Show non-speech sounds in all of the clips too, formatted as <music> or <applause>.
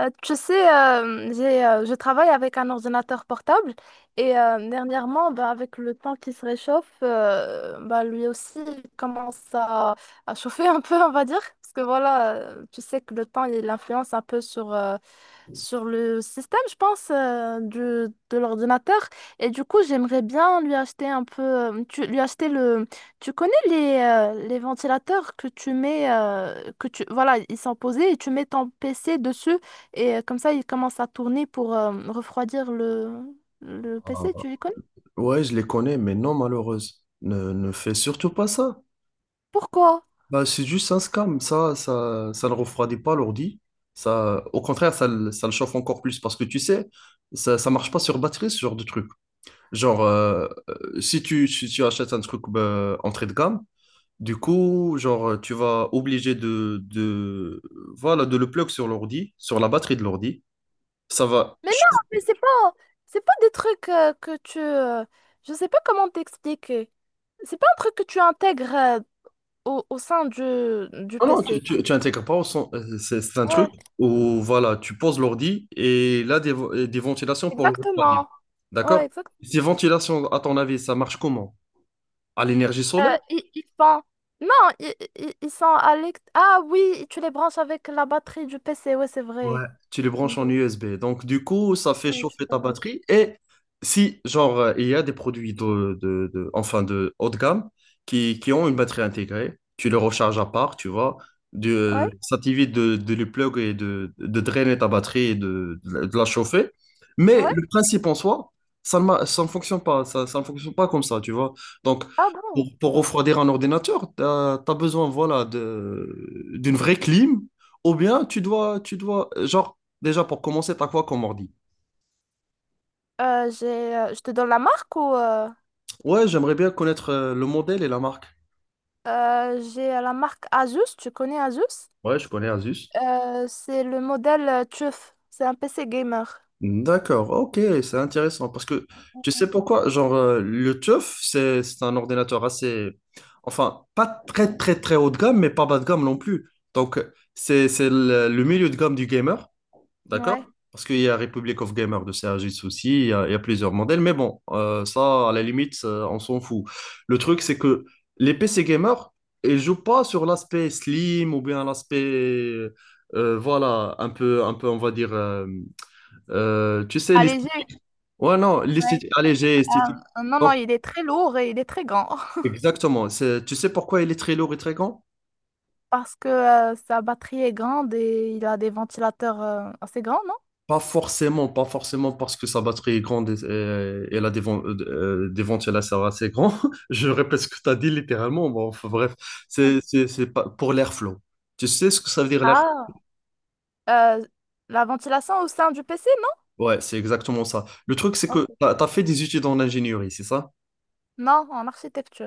Je travaille avec un ordinateur portable et dernièrement, avec le temps qui se réchauffe, lui aussi il commence à chauffer un peu, on va dire. Parce que voilà, tu sais que le temps, il influence un peu sur le système, je pense, de l'ordinateur. Et du coup, j'aimerais bien lui acheter un peu, lui acheter le... Tu connais les ventilateurs que tu mets, voilà, ils sont posés et tu mets ton PC dessus. Et comme ça, il commence à tourner pour refroidir le Ah, PC, tu les connais? ouais, je les connais, mais non, malheureuse. Ne fais surtout pas ça. Pourquoi? Bah, c'est juste un scam. Ça ne refroidit pas l'ordi. Ça, au contraire, ça le chauffe encore plus parce que tu sais, ça marche pas sur batterie, ce genre de truc. Si tu achètes un truc bah, entrée de gamme, du coup, genre, tu vas obligé voilà, de le plug sur l'ordi, sur la batterie de l'ordi. Ça va. Mais non, mais c'est pas des trucs que tu... je sais pas comment t'expliquer. C'est pas un truc que tu intègres au sein du Non, non, PC. Tu intègres pas c'est un truc Ouais, où, tu poses l'ordi et des ventilations pour le refroidir. exactement. D'accord? Ouais, exactement. Ces ventilations, à ton avis, ça marche comment? À l'énergie solaire? Ils sont... Non, ils sont à l'ex- Ah oui, tu les branches avec la batterie du PC, ouais, c'est vrai. Ouais, tu les Mm. branches en USB. Donc, du coup, ça fait Ouais, tu chauffer as ta raison. batterie. Et si, il y a des produits enfin, de haut de gamme qui ont une batterie intégrée, tu les recharges à part, tu vois. Ouais, De Ça t'évite de les plug et de drainer ta batterie et de la chauffer. Mais ouais. le principe en soi, ça ne fonctionne pas. Ça ne fonctionne pas comme ça, tu vois. Donc, Ah bon? Pour refroidir un ordinateur, tu as besoin, voilà, de, d'une vraie clim ou bien tu dois, genre, déjà pour commencer, t'as quoi comme ordi? Je te donne la marque ou euh, Ouais, j'aimerais bien connaître le modèle et la marque. euh, j'ai la marque Asus, tu connais Asus? Ouais, je connais Asus. C'est le modèle TUF, c'est un PC gamer. D'accord, ok, c'est intéressant parce que tu sais pourquoi, le TUF, c'est un ordinateur assez, enfin, pas très très très haut de gamme, mais pas bas de gamme non plus. Donc, c'est le milieu de gamme du gamer. D'accord? Ouais. Parce qu'il y a Republic of Gamers de Sergis aussi, il y a plusieurs modèles, mais bon, ça, à la limite, ça, on s'en fout. Le truc, c'est que les PC gamers, ils jouent pas sur l'aspect slim ou bien l'aspect, voilà, un peu, on va dire, tu sais, Allégé. l'esthétique. Ouais, non, Ouais. l'esthétique allégée, esthétique. Non, Donc, il est très lourd et il est très grand <laughs> exactement. C'est- tu sais pourquoi il est très lourd et très grand? parce que sa batterie est grande et il a des ventilateurs assez grands, non? Pas forcément parce que sa batterie est grande et elle a des ventilateurs assez grands. <laughs> Je répète ce que tu as dit littéralement. Bon, enfin, bref, Ouais. C'est pas pour l'airflow. Tu sais ce que ça veut dire l'airflow? Ah. Euh, la ventilation au sein du PC, Ouais, c'est exactement ça. Le truc, c'est non? Ok. que tu as fait des études en ingénierie, c'est ça? Non, en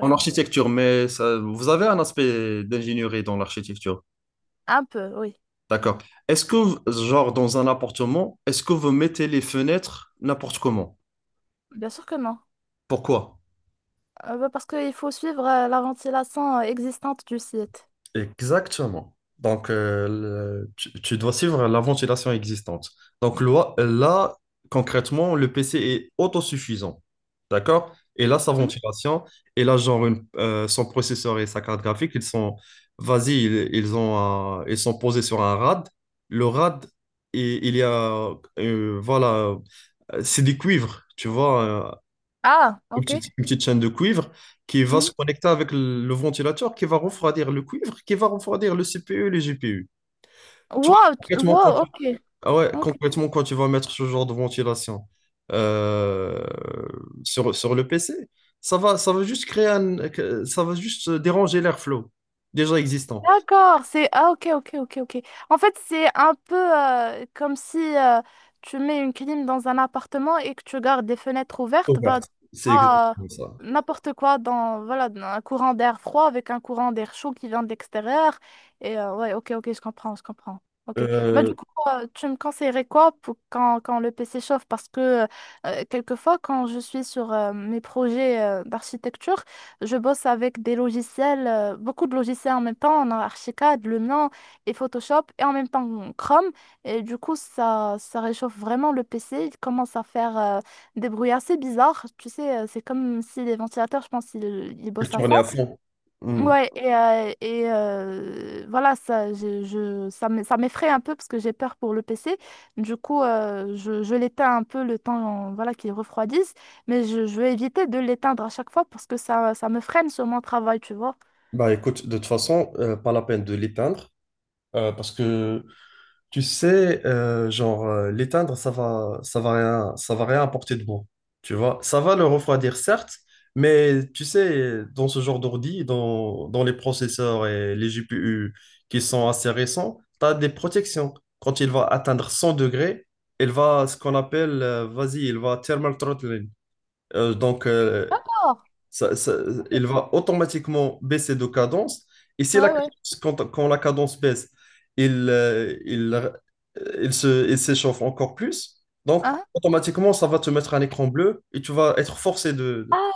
En architecture, mais ça- vous avez un aspect d'ingénierie dans l'architecture. Un peu, oui. D'accord. Est-ce que, genre, dans un appartement, est-ce que vous mettez les fenêtres n'importe comment? Bien sûr que non. Pourquoi? Parce qu'il faut suivre la ventilation existante du site. Exactement. Donc, tu, tu dois suivre la ventilation existante. Donc, là, concrètement, le PC est autosuffisant. D'accord? Et là, sa Mhm. ventilation, et là, son processeur et sa carte graphique, ils sont, vas-y, ils ont ils sont posés sur un RAD. Le RAD, il y a, euh, voilà, c'est du cuivre, tu vois. Ah, Une ok. petite, une petite chaîne de cuivre qui va se Mhm. connecter avec le ventilateur, qui va refroidir le cuivre, qui va refroidir le CPU et les GPU. Toi, concrètement, Wow, ok. ah ouais, Ok, concrètement, quand tu vas mettre ce genre de ventilation euh, sur le PC, ça va juste ça va juste déranger l'airflow déjà existant. d'accord, c'est... Ah ok, ok, ok, ok. En fait, c'est un peu comme si tu mets une clim dans un appartement et que tu gardes des fenêtres ouvertes, Ouverte. C'est ah exactement ça. n'importe quoi dans, voilà, dans un courant d'air froid avec un courant d'air chaud qui vient de l'extérieur. Et ouais, ok, ok, je comprends, je comprends. Ok. Bah, Euh, du coup, tu me conseillerais quoi pour quand le PC chauffe? Parce que quelquefois, quand je suis sur mes projets d'architecture, je bosse avec des logiciels, beaucoup de logiciels en même temps. On a Archicad, Lumion et Photoshop et en même temps Chrome. Et du coup, ça réchauffe vraiment le PC. Il commence à faire des bruits assez bizarres. Tu sais, c'est comme si les ventilateurs, je pense, ils et bossent à tourner fond. à fond. Hmm. Ouais, et voilà, ça, je- ça me- ça m'effraie un peu parce que j'ai peur pour le PC. Du coup, je l'éteins un peu le temps voilà, qu'il refroidisse, mais je vais éviter de l'éteindre à chaque fois parce que ça me freine sur mon travail, tu vois. Bah écoute, de toute façon, pas la peine de l'éteindre parce que tu sais, l'éteindre, ça va rien apporter de bon. Tu vois, ça va le refroidir, certes, mais tu sais, dans ce genre d'ordi, dans les processeurs et les GPU qui sont assez récents, tu as des protections. Quand il va atteindre 100 degrés, il va, ce qu'on appelle, vas-y, il va thermal throttling. Euh, donc, euh, D'accord. ça- ça- il va automatiquement baisser de cadence. Et si la Ouais, ouais. cadence- quand la cadence baisse, il s'échauffe encore plus. Donc, Hein? automatiquement, ça va te mettre un écran bleu et tu vas être forcé de... Ah,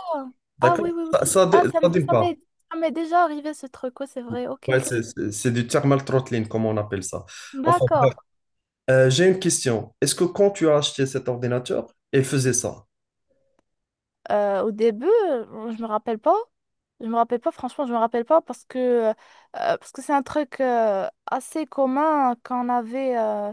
ah D'accord? oui, oui, oui. Ça démarre. Ça m'est déjà arrivé ce truc, ouais, c'est vrai. Ok, Ouais, ok. C'est du thermal throttling, comme on appelle ça. Enfin, D'accord. euh, j'ai une question. Est-ce que quand tu as acheté cet ordinateur, il faisait ça? Au début, je me rappelle pas. Je me rappelle pas, franchement, je me rappelle pas parce que parce que c'est un truc assez commun qu'on avait euh,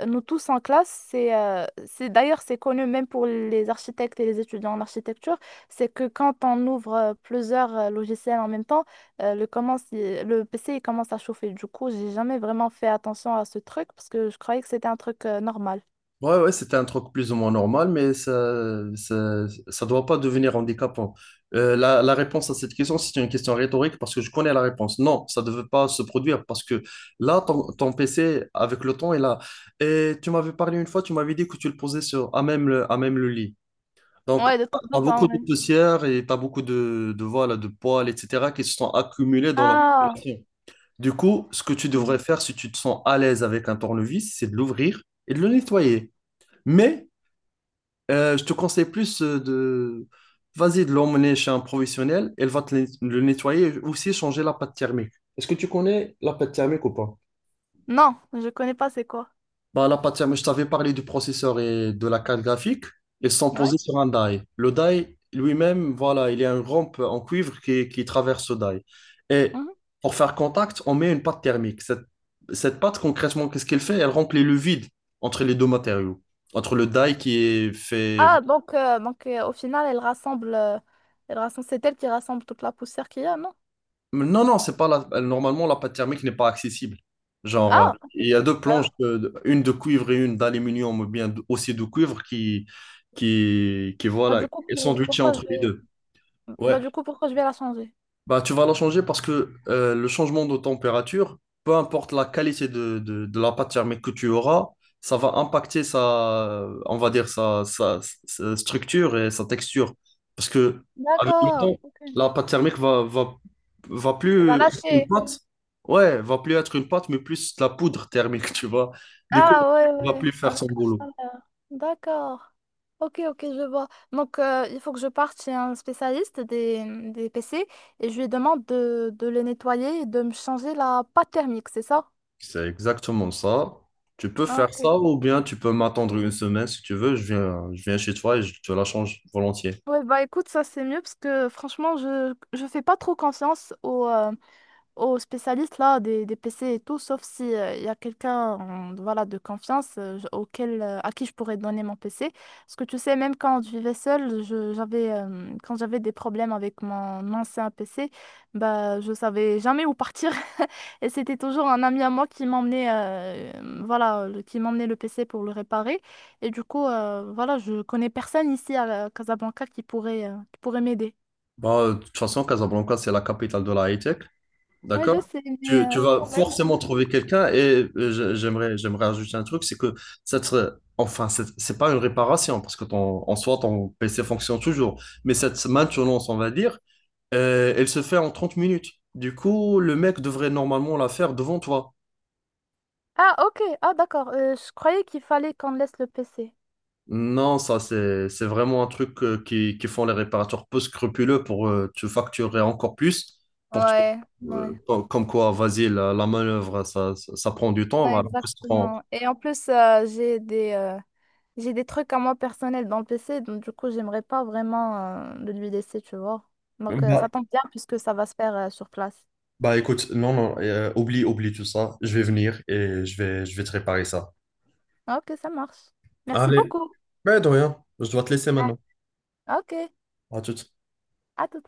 euh, nous tous en classe. C'est d'ailleurs c'est connu même pour les architectes et les étudiants en architecture. C'est que quand on ouvre plusieurs logiciels en même temps, le PC il commence à chauffer. Du coup, j'ai jamais vraiment fait attention à ce truc parce que je croyais que c'était un truc normal. Ouais, ouais, c'était un truc plus ou moins normal, mais ça doit pas devenir handicapant. La réponse à cette question, c'est une question rhétorique parce que je connais la réponse. Non, ça ne devait pas se produire parce que là, ton PC, avec le temps, est là. Et tu m'avais parlé une fois, tu m'avais dit que tu le posais sur, à même le lit. Donc, tu Ouais, de temps as en beaucoup temps, de ouais. poussière et tu as beaucoup voilà, de poils, etc., qui se sont accumulés dans la Ah. population. Du coup, ce que tu devrais faire si tu te sens à l'aise avec un tournevis, c'est de l'ouvrir et de le nettoyer. Mais je te conseille plus de... Vas-y, de l'emmener chez un professionnel. Elle va te le nettoyer et aussi changer la pâte thermique. Est-ce que tu connais la pâte thermique ou pas? Non, je connais pas c'est quoi. Bah, la pâte thermique, je t'avais parlé du processeur et de la carte graphique. Ils sont Ouais. posés sur un die. Le die lui-même, voilà, il y a une rampe en cuivre qui traverse ce die. Et Mhm. pour faire contact, on met une pâte thermique. Cette pâte, concrètement, qu'est-ce qu'elle fait? Elle remplit le vide entre les deux matériaux. Entre le die qui est fait. Ah, donc, au final, elle rassemble, c'est elle qui rassemble toute la poussière qu'il y a, non? Non, non, c'est pas la... Normalement, la pâte thermique n'est pas accessible. Genre, Ah, il ok. y a deux planches, Bah, une de cuivre et une d'aluminium, ou bien aussi de cuivre, qui bah, voilà, du coup, elles sont pour- sandwichées pourquoi je entre les vais... deux. Ouais. Bah, du coup, pourquoi je vais la changer? Bah, tu vas la changer parce que le changement de température, peu importe la qualité de la pâte thermique que tu auras, ça va impacter sa, on va dire, sa structure et sa texture. Parce que avec le D'accord, temps, ok. la pâte thermique va, va, va Elle plus va être une lâcher. pâte. Ouais, va plus être une pâte, mais plus de la poudre thermique, <laughs> tu vois. Du coup, Ah, ouais, elle va ouais. plus faire Avec son boulot. la chaleur. D'accord. Ok, ok, je vois. Donc, il faut que je parte chez un spécialiste des PC et je lui demande de les nettoyer et de me changer la pâte thermique, c'est ça? C'est exactement ça. Tu peux faire Ok. ça ou bien tu peux m'attendre une semaine si tu veux. Je viens chez toi et je te la change volontiers. Ouais, bah écoute, ça c'est mieux parce que franchement, je fais pas trop confiance aux, aux spécialistes là, des PC et tout, sauf si il y a quelqu'un voilà, de confiance auquel, à qui je pourrais donner mon PC. Parce que tu sais, même quand je vivais seule, quand j'avais des problèmes avec mon ancien PC, bah, je savais jamais où partir. <laughs> Et c'était toujours un ami à moi qui m'emmenait qui m'emmenait le PC pour le réparer. Et du coup, voilà, je connais personne ici à Casablanca qui pourrait m'aider. Bah, de toute façon, Casablanca, c'est la capitale de la high-tech. Oui, je D'accord? sais, mais Tu vas quand même. forcément trouver quelqu'un et j'aimerais ajouter un truc, c'est que ça serait, enfin, c'est pas une réparation parce que ton, en soi, ton PC fonctionne toujours. Mais cette maintenance, on va dire, elle se fait en 30 minutes. Du coup, le mec devrait normalement la faire devant toi. Ah, ok. Ah, d'accord. Je croyais qu'il fallait qu'on laisse le PC. Non, ça, c'est vraiment un truc qui font les réparateurs peu scrupuleux pour te facturer encore plus. Pour te- Ouais, ouais, com- comme quoi, vas-y, la manœuvre, ça prend du temps. ouais, Alors que ça prend- exactement. Et en plus, j'ai des trucs à moi personnels dans le PC, donc du coup, j'aimerais pas vraiment le lui laisser, tu vois. Donc, Bah, ça tombe bien puisque ça va se faire sur place. bah, écoute, non, non, oublie tout ça. Je vais venir et je vais te réparer ça. Ah, ok, ça marche. Merci Allez, beaucoup. mais de rien, je dois te laisser Ah, maintenant. ok, À tout. à tout